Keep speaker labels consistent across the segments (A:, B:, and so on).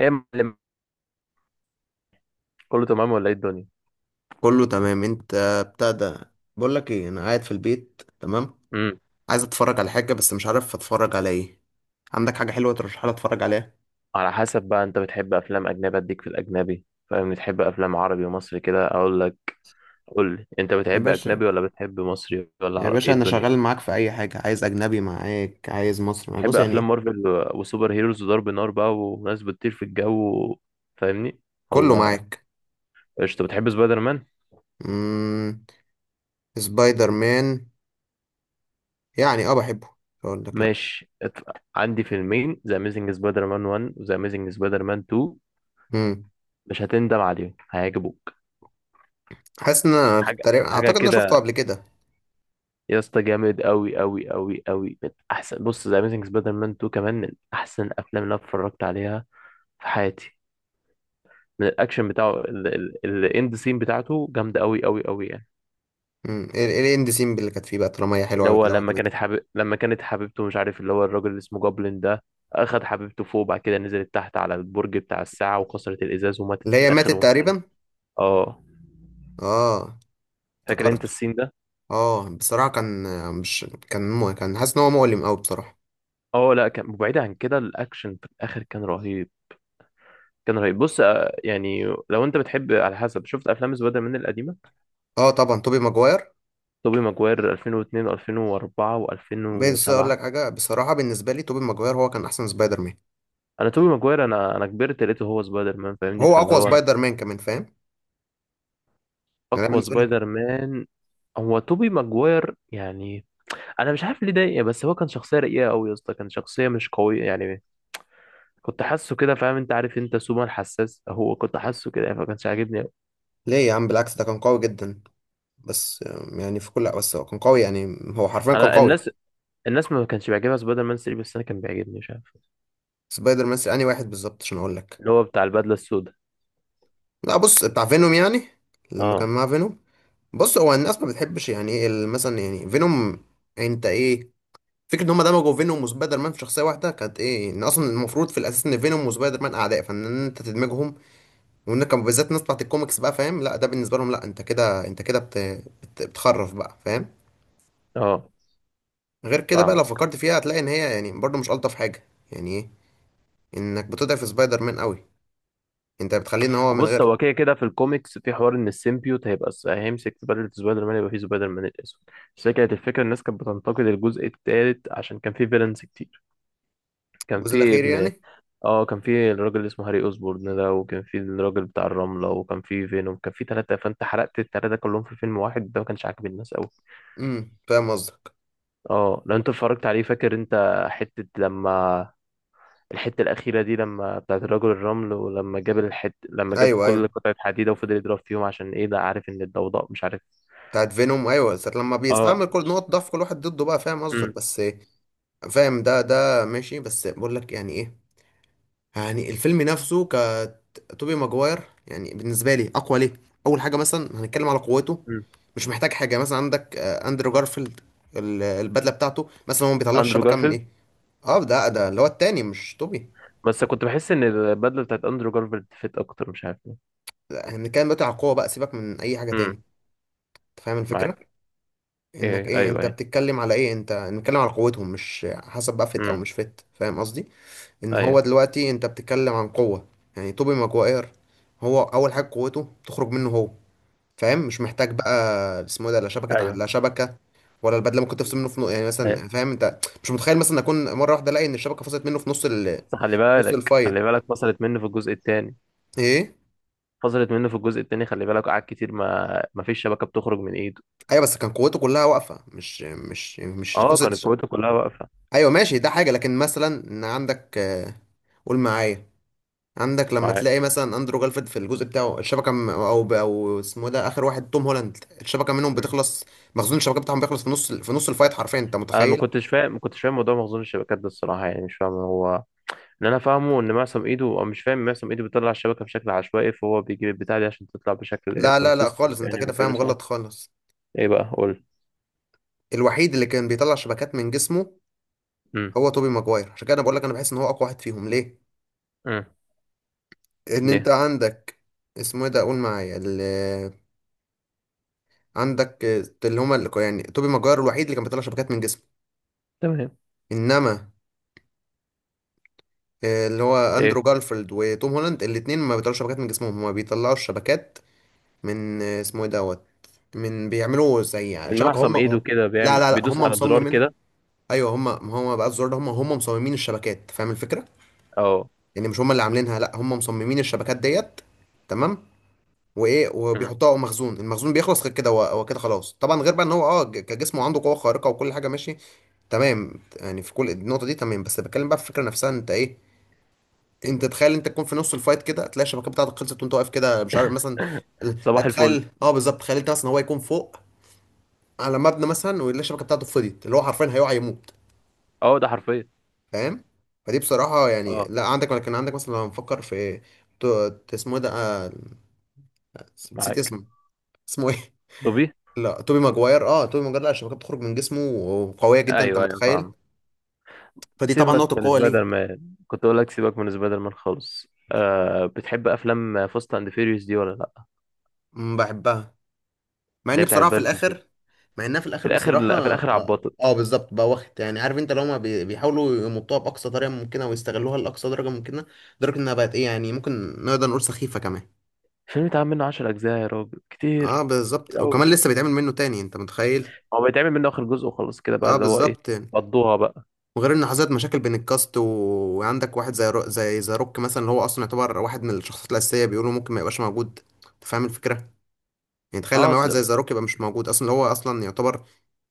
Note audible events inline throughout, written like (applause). A: ايه يا معلم. كله تمام ولا ايه الدنيا؟
B: كله تمام؟ انت بتاع ده. بقول لك ايه، انا قاعد في البيت تمام،
A: امم.
B: عايز اتفرج على حاجه بس مش عارف اتفرج على ايه. عندك حاجه حلوه ترشحها لي اتفرج عليها؟
A: على حسب بقى، انت بتحب افلام اجنبي اديك في الاجنبي، فاهم؟ بتحب افلام عربي ومصري كده اقول لك. قول لي، انت
B: يا
A: بتحب
B: باشا،
A: اجنبي ولا بتحب مصري ولا
B: يا
A: عربي؟
B: باشا
A: ايه
B: انا
A: الدنيا؟
B: شغال معاك في اي حاجه، عايز اجنبي معاك، عايز مصري معاك،
A: بتحب
B: بص يعني
A: افلام
B: ايه.
A: مارفل وسوبر هيروز وضرب نار بقى وناس بتطير في الجو، فاهمني؟
B: كله
A: ولا؟
B: معاك.
A: قشطه. بتحب سبايدر مان؟
B: امم سبايدر مان، يعني اه بحبه، مش هقول لك لا.
A: ماشي، عندي فيلمين، ذا اميزنج سبايدر مان 1 وذا اميزنج سبايدر مان 2.
B: امم
A: مش هتندم عليهم، هيعجبوك.
B: حاسس ان انا
A: حاجه،
B: تقريبا
A: حاجه
B: اعتقد ان انا
A: كده.
B: شفته قبل كده.
A: يا اسطى، جامد قوي قوي قوي قوي، من احسن، بص ذا اميزنج سبايدر مان 2 كمان من احسن افلام اللي انا اتفرجت عليها في حياتي. من الاكشن بتاعه، الاند سين بتاعته جامده قوي قوي قوي يعني.
B: ايه ايه الاند سين اللي كانت فيه بقى، طالما هي حلوه
A: اللي
B: قوي
A: هو
B: كده وعجبتك؟
A: لما كانت حبيبته، مش عارف، اللي هو الراجل اللي اسمه جوبلin ده اخد حبيبته فوق، بعد كده نزلت تحت على البرج بتاع الساعه وكسرت الازاز وماتت
B: اللي
A: في
B: هي ماتت
A: الاخر، ومش عارف.
B: تقريبا.
A: اه،
B: اه،
A: فاكر
B: افتكرت.
A: انت السين ده؟
B: اه بصراحة كان، مش كان مو... كان حاسس ان هو مؤلم قوي بصراحة.
A: اه لا، كان بعيد عن كده، الاكشن في الاخر كان رهيب. كان رهيب. بص، يعني لو انت بتحب، على حسب، شفت افلام سبايدر مان القديمه؟
B: اه طبعا توبي ماجواير.
A: توبي ماجواير 2002 و2004
B: بس اقول لك
A: و2007.
B: حاجة، بصراحة بالنسبة لي توبي ماجواير هو كان احسن سبايدر مان.
A: انا توبي ماجواير، انا كبرت لقيته هو سبايدر مان، فاهمني،
B: هو
A: فاللي
B: اقوى
A: هو أنا
B: سبايدر مان كمان، فاهم؟ يعني انا
A: اقوى
B: بالنسبة لي،
A: سبايدر مان هو توبي ماجواير يعني. انا مش عارف ليه ده، بس هو كان شخصيه رقيقه قوي يا اسطى، كان شخصيه مش قويه يعني. كنت حاسه كده، فاهم؟ انت عارف انت سوبر حساس، هو كنت حاسه كده فما كانش عاجبني أوي.
B: ليه يا عم؟ بالعكس ده كان قوي جدا. بس يعني في كل، بس هو كان قوي، يعني هو حرفيا كان
A: انا
B: قوي.
A: الناس الناس ما كانش بيعجبها سبايدر مان 3، بس انا كان بيعجبني، مش عارف.
B: سبايدر مان انهي واحد بالظبط عشان اقول لك؟
A: اللي هو بتاع البدله السوداء.
B: لا بص بتاع فينوم يعني، لما كان
A: اه،
B: مع فينوم. بص هو الناس ما بتحبش يعني ايه مثلا يعني فينوم، انت ايه، فكرة ان هم دمجوا فينوم وسبايدر مان في شخصية واحدة كانت ايه، ان اصلا المفروض في الاساس ان فينوم وسبايدر مان اعداء، فان إن انت تدمجهم، وان كان بالذات الناس بتاعت الكوميكس بقى، فاهم؟ لا ده بالنسبة لهم لا، انت كده، انت كده بتخرف بقى، فاهم؟
A: اه.
B: غير كده بقى، لو
A: فاهمك.
B: فكرت فيها هتلاقي ان هي يعني برضه مش الطف حاجة يعني ايه، انك بتضعف سبايدر مان قوي، انت بتخليه ان هو من
A: بص،
B: غير.
A: هو كده كده في الكوميكس في حوار ان السيمبيوت هيبقى هيمسك في بدلة سبايدر مان، يبقى فيه سبايدر مان الاسود. بس هي كانت الفكره، الناس كانت بتنتقد الجزء الثالث عشان كان فيه فيلنز كتير. كان
B: الجزء
A: فيه
B: الاخير
A: ابن.
B: يعني.
A: اه، كان فيه الراجل اللي اسمه هاري اوزبورن ده، وكان فيه الراجل بتاع الرمله، وكان فيه فينوم، كان فيه ثلاثه، فانت حرقت الثلاثه كلهم في فيلم واحد، ده ما كانش عاجب الناس قوي.
B: امم، فاهم قصدك.
A: اه، لو انت اتفرجت عليه، فاكر انت حته لما. الحتة الأخيرة دي، لما بتاعت الرجل الرمل، ولما جاب الحت لما جاب
B: ايوه
A: كل
B: ايوه،
A: قطعة حديدة وفضل يضرب فيهم عشان إيه، ده عارف إن الضوضاء، مش عارف.
B: بتاعت فينوم، ايوه ساعة لما
A: آه.
B: بيستعمل كل نقط ضعف كل واحد ضده بقى، فاهم قصدك
A: أمم.
B: بس فاهم، ده ماشي، بس بقول لك يعني ايه، يعني الفيلم نفسه كتوبي ماجواير، يعني بالنسبه لي اقوى ليه. اول حاجه مثلا هنتكلم على قوته،
A: أمم.
B: مش محتاج حاجه، مثلا عندك اندرو جارفيلد، البدله بتاعته مثلا، هو ما بيطلعش
A: أندرو
B: شبكه من
A: جارفيلد.
B: ايه. اه ده اللي هو التاني، مش توبي.
A: بس كنت بحس إن البدلة بتاعت أندرو جارفيلد فيت أكتر، مش عارف ليه.
B: لا هنتكلم دلوقتي على القوه بقى، سيبك من اي حاجه تاني.
A: أمم.
B: انت فاهم الفكره،
A: معاك.
B: انك
A: إيه،
B: ايه،
A: أيوه،
B: انت
A: أيوه.
B: بتتكلم على ايه، انت بنتكلم على قوتهم مش حسب بقى فت او
A: أمم.
B: مش فت، فاهم قصدي؟ ان هو
A: أيوه،
B: دلوقتي انت بتتكلم عن قوه. يعني توبي ماجواير، هو اول حاجه قوته تخرج منه هو، فاهم؟ مش محتاج بقى اسمه إيه ده، لا
A: أيوه،
B: لا شبكه، ولا البدله ممكن تفصل منه في نص يعني
A: أيوه،
B: مثلا، فاهم؟ انت مش متخيل مثلا اكون مره واحده الاقي ان الشبكه فصلت منه في نص
A: بس خلي
B: نص
A: بالك،
B: الفايت،
A: خلي بالك، فصلت منه في الجزء التاني.
B: ايه.
A: فصلت منه في الجزء التاني، خلي بالك، قعد كتير، ما فيش شبكة بتخرج من إيده.
B: ايوه بس كان قوته كلها واقفه مش
A: آه، كانت
B: قصه.
A: قوته كلها واقفة.
B: ايوه ماشي، ده حاجه، لكن مثلا ان عندك قول معايا، عندك لما
A: معاك.
B: تلاقي مثلا اندرو جالفيد في الجزء بتاعه الشبكه م- او ب- او اسمه إيه ده، اخر واحد توم هولاند الشبكه منهم
A: إمم.
B: بتخلص. مخزون الشبكه بتاعهم بيخلص في نص، في نص الفايت، حرفيا انت
A: انا
B: متخيل؟
A: ما كنتش فاهم موضوع مخزون الشبكات ده، الصراحه يعني مش فاهم. هو اللي انا فاهمه ان معصم ايده، او مش فاهم، معصم ايده بيطلع الشبكه بشكل عشوائي، فهو بيجيب البتاع دي عشان تطلع بشكل
B: لا
A: كونسيستنت
B: خالص، انت
A: يعني،
B: كده
A: وكده
B: فاهم
A: ساعة.
B: غلط خالص.
A: ايه بقى؟ قول.
B: الوحيد اللي كان بيطلع شبكات من جسمه
A: امم،
B: هو توبي ماجواير، عشان كده انا بقول لك انا بحس ان هو اقوى واحد فيهم ليه.
A: امم.
B: ان انت
A: ده
B: عندك اسمه ايه ده، قول معايا عندك اللي هما اللي يعني توبي ماجواير الوحيد اللي كان بيطلع شبكات من جسمه.
A: تمام.
B: انما اللي هو اندرو
A: ايه.
B: جارفيلد وتوم هولاند الاتنين ما بيطلعوش شبكات من جسمهم، هما بيطلعوا شبكات من اسمه ايه دوت، من بيعملوا زي
A: من
B: شبكه
A: معصم
B: هم.
A: ايده كده،
B: لا
A: بيعمل
B: لا لا هم
A: بيدوس على زرار
B: مصممينها.
A: كده.
B: ايوه هم، ما هو بقى الزرار ده، هم مصممين الشبكات، فاهم الفكره؟
A: اه.
B: يعني مش هم اللي عاملينها، لا هم مصممين الشبكات ديت، تمام؟ وايه
A: مم.
B: وبيحطوها على مخزون، المخزون بيخلص. غير كده هو كده خلاص طبعا، غير بقى ان هو اه كجسمه عنده قوه خارقه وكل حاجه ماشي تمام، يعني في كل النقطه دي تمام. بس بتكلم بقى في الفكره نفسها، انت ايه، انت تخيل انت تكون في نص الفايت كده تلاقي الشبكه بتاعتك خلصت وانت واقف كده مش عارف مثلا.
A: (laughs)
B: لا
A: صباح الفل.
B: تخيل، اه بالظبط، تخيل انت مثلا هو يكون فوق على مبنى مثلا ويلاقي الشبكه بتاعته فضيت، اللي هو حرفيا هيقع يموت،
A: اه، ده حرفيا.
B: فاهم؟ فدي بصراحه يعني،
A: اه.
B: لا عندك كان عندك مثلا، لو هنفكر في ت- اسمه إيه ده، نسيت
A: معاك.
B: اسمه، اسمه ايه.
A: طبي.
B: لا توبي ماجواير، اه توبي ماجواير، لا الشبكات بتخرج من جسمه وقويه جدا، انت
A: ايوه، ايوه،
B: متخيل؟
A: فاهم.
B: فدي طبعا
A: سيبك
B: نقطه
A: من
B: قوه
A: سبايدر
B: ليه.
A: مان، كنت اقول لك، سيبك من سبايدر مان خالص. آه، بتحب افلام فاست اند فيريوس دي ولا لا؟
B: بحبها، مع
A: اللي هي
B: ان
A: بتاعت
B: بصراحه في
A: فان ديزل.
B: الاخر، مع انها في
A: في
B: الاخر
A: الاخر،
B: بصراحه
A: لا، في الاخر
B: اه,
A: عبطت.
B: آه بالظبط بقى، واخد يعني عارف انت، لو هما بيحاولوا يمطوها باقصى طريقه ممكنه ويستغلوها لاقصى درجه ممكنه، لدرجه انها بقت ايه يعني، ممكن نقدر نقول سخيفه كمان.
A: الفيلم اتعمل منه 10 اجزاء يا راجل،
B: اه
A: كتير. كتير
B: بالظبط،
A: قوي.
B: وكمان لسه بيتعمل منه تاني، انت متخيل؟
A: هو بيتعمل منه اخر جزء وخلاص كده بقى،
B: اه
A: اللي هو ايه،
B: بالظبط.
A: قضوها بقى.
B: وغير ان حصلت مشاكل بين الكاست و... وعندك واحد زي ذا روك مثلا، اللي هو اصلا يعتبر واحد من الشخصيات الاساسيه، بيقولوا ممكن ما يبقاش موجود. انت فاهم الفكره، يعني تخيل
A: اه،
B: لما واحد
A: اصل
B: زي
A: بقى.
B: ذا روك يبقى مش موجود اصلا، اللي هو اصلا يعتبر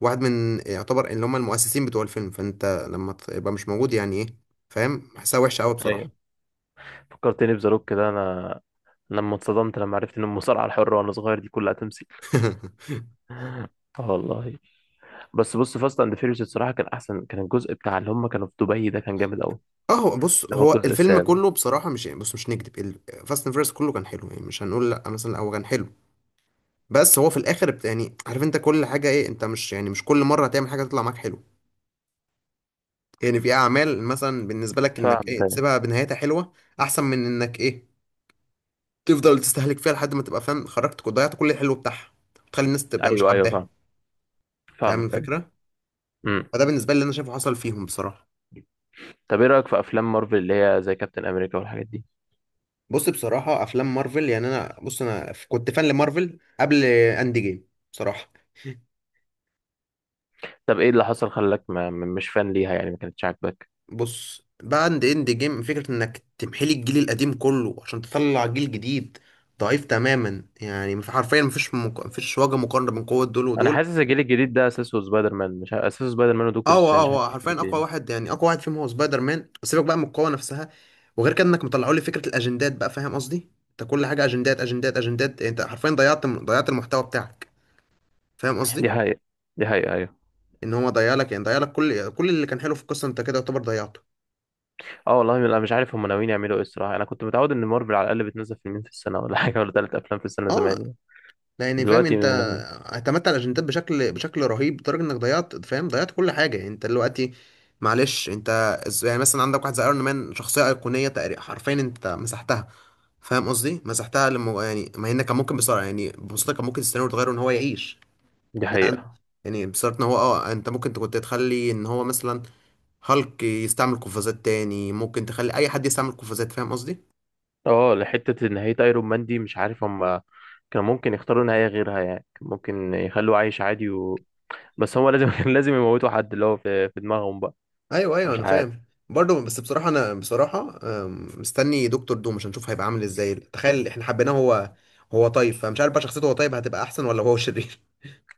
B: واحد من، يعتبر اللي هم المؤسسين بتوع الفيلم، فانت لما تبقى مش موجود يعني ايه، فاهم؟ حاسها وحشه قوي
A: ايوه،
B: بصراحه. (laughs)
A: فكرتني بذا روك كده انا. لما اتصدمت، لما عرفت ان المصارعه الحره وانا صغير دي كلها تمثيل. اه والله. بس بص، فاست اند فيريوس الصراحه كان احسن، كان الجزء بتاع اللي هم كانوا في دبي ده كان جامد قوي.
B: اه هو بص،
A: اللي هو
B: هو
A: الجزء
B: الفيلم
A: السابع.
B: كله بصراحه مش يعني، بص مش نكدب، فاست اند فيرس كله كان حلو، يعني مش هنقول لا مثلا هو كان حلو، بس هو في الاخر يعني عارف انت كل حاجه ايه، انت مش يعني مش كل مره هتعمل حاجه تطلع معاك حلو. يعني في اعمال مثلا بالنسبه لك انك
A: فاهمك.
B: ايه
A: أيوة.
B: تسيبها بنهايتها حلوه، احسن من انك ايه تفضل تستهلك فيها لحد ما تبقى فاهم خرجت وضيعت كل الحلو بتاعها وتخلي الناس تبقى مش
A: ايوه، ايوه،
B: حباها،
A: فاهم.
B: فاهم
A: فاهمك، ايوه.
B: الفكره؟
A: امم.
B: فده بالنسبه لي اللي انا شايفه حصل فيهم بصراحه.
A: طب، ايه رايك في افلام مارفل اللي هي زي كابتن امريكا والحاجات دي؟
B: بص بصراحه افلام مارفل يعني انا بص، انا كنت فان لمارفل قبل اند جيم بصراحه.
A: طب، ايه اللي حصل خلاك ما م- مش فان ليها يعني، ما كانتش عاجباك؟
B: بص بعد اند جيم فكرة انك تمحلي الجيل القديم كله عشان تطلع جيل جديد ضعيف تماما، يعني حرفيا مفيش مفيش وجه مقارنة بين قوة دول
A: انا
B: ودول.
A: حاسس الجيل الجديد ده اساسه سبايدر مان، مش ع- اساسه سبايدر مان ودكتور
B: اه هو، اه
A: سترينج، حاسس
B: هو حرفيا
A: الجيل
B: اقوى
A: الجديد.
B: واحد، يعني اقوى واحد فيهم هو سبايدر مان، سيبك بقى من القوه نفسها. وغير كده انك مطلعوا لي فكره الاجندات بقى، فاهم قصدي؟ انت كل حاجه اجندات اجندات اجندات، يعني انت حرفيا ضيعت المحتوى بتاعك، فاهم
A: دي
B: قصدي؟
A: حقيقة. دي حقيقة، ايوه.
B: ان هو ضيع لك، يعني ضيع لك كل اللي كان حلو في القصه، انت كده يعتبر ضيعته.
A: اه والله، انا مش عارف هم ناويين يعملوا ايه الصراحة. انا كنت متعود ان مارفل على الاقل بتنزل فيلمين في السنة ولا حاجة، ولا ثلاث افلام في السنة
B: اه
A: زمان يعني.
B: يعني فاهم
A: دلوقتي
B: انت،
A: م-
B: اعتمدت على الاجندات بشكل رهيب لدرجه انك ضيعت، فاهم ضيعت كل حاجه، يعني انت دلوقتي معلش. انت يعني مثلا عندك واحد زي ايرون مان، شخصيه ايقونيه تقريبا، حرفيا انت مسحتها، فاهم قصدي؟ مسحتها لما يعني، ما هنا كان ممكن بسرعه يعني ببساطه كان ممكن السيناريو يتغير ان هو يعيش
A: دي
B: يعني.
A: حقيقة.
B: يعني بصراحه ان هو اه، انت ممكن كنت تخلي ان هو مثلا هالك يستعمل قفازات تاني، ممكن تخلي اي حد يستعمل قفازات، فاهم قصدي؟
A: اه، لحتة نهاية ايرون مان دي مش عارف هم. كان ممكن يختاروا نهاية غيرها يعني، كان ممكن يخلوه عايش عادي و. بس هو لازم (laughs) كان لازم يموتوا حد، اللي هو في دماغهم بقى.
B: ايوه ايوه
A: مش
B: انا
A: عارف.
B: فاهم برضه، بس بصراحه انا بصراحه مستني دكتور دوم عشان نشوف هيبقى عامل ازاي، تخيل احنا حبيناه هو، هو طيب، فمش عارف بقى شخصيته، هو طيب هتبقى احسن ولا هو شرير.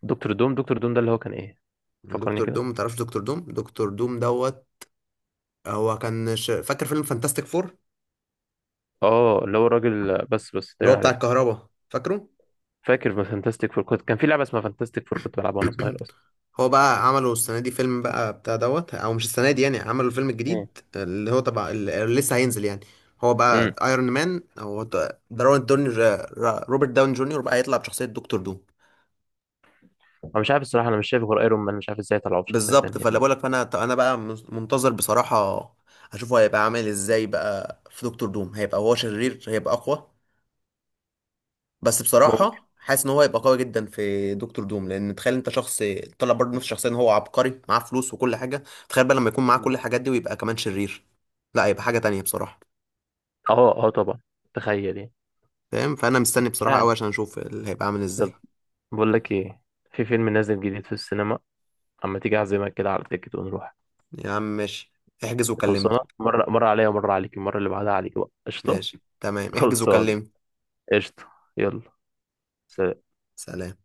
A: دكتور دوم؟ دكتور دوم ده اللي هو كان ايه؟
B: (laughs)
A: فكرني
B: دكتور دوم
A: كده.
B: متعرفش؟ دكتور دوم، دكتور دوم دوت، هو كان فاكر فيلم فانتاستيك فور؟
A: اه، اللي هو الراجل، بس
B: اللي هو
A: تقريبا
B: بتاع
A: عرفته.
B: الكهرباء، فاكره؟
A: فاكر في فانتاستيك فور، كان في لعبه اسمها فانتاستيك فور كنت بلعبها وانا صغير
B: (clears throat)
A: اصلا.
B: هو بقى عملوا السنة دي فيلم بقى بتاع دوت، او مش السنة دي يعني، عملوا الفيلم
A: مم.
B: الجديد اللي هو تبع اللي لسه هينزل يعني، هو بقى
A: امم.
B: ايرون مان او دارون دوني، روبرت داون جونيور بقى هيطلع بشخصية دكتور دوم.
A: انا مش عارف الصراحه، انا مش شايف غير ايرون مان، مش عارف ازاي طلعوا بشخصيه
B: بالظبط،
A: تانية
B: فاللي
A: يعني.
B: بقولك، فانا انا بقى منتظر بصراحة اشوفه هيبقى عامل ازاي بقى في دكتور دوم، هيبقى هو شرير، هيبقى اقوى. بس
A: ممكن.
B: بصراحة حاسس ان هو هيبقى قوي جدا في دكتور دوم، لان تخيل انت شخص طلع برضه نفس الشخصية، ان هو عبقري معاه فلوس وكل حاجة، تخيل بقى لما يكون معاه كل
A: مم.
B: الحاجات دي ويبقى كمان شرير، لا هيبقى حاجة تانية بصراحة.
A: اه، اه، طبعا. تخيل يعني.
B: فاهم؟ فانا مستني
A: مش
B: بصراحة
A: عارف.
B: قوي عشان اشوف اللي هيبقى عامل
A: طب،
B: ازاي.
A: بقول لك ايه، في فيلم نازل جديد في السينما، اما تيجي اعزمك كده على تيكت ونروح.
B: يا عم ماشي، احجز وكلمني.
A: خلصانه، مره، مره عليا ومره عليك، المره اللي بعدها عليك بقى، قشطه.
B: ماشي تمام، احجز
A: خلصان.
B: وكلمني.
A: قشطه. يلا. سلام.
B: سلام.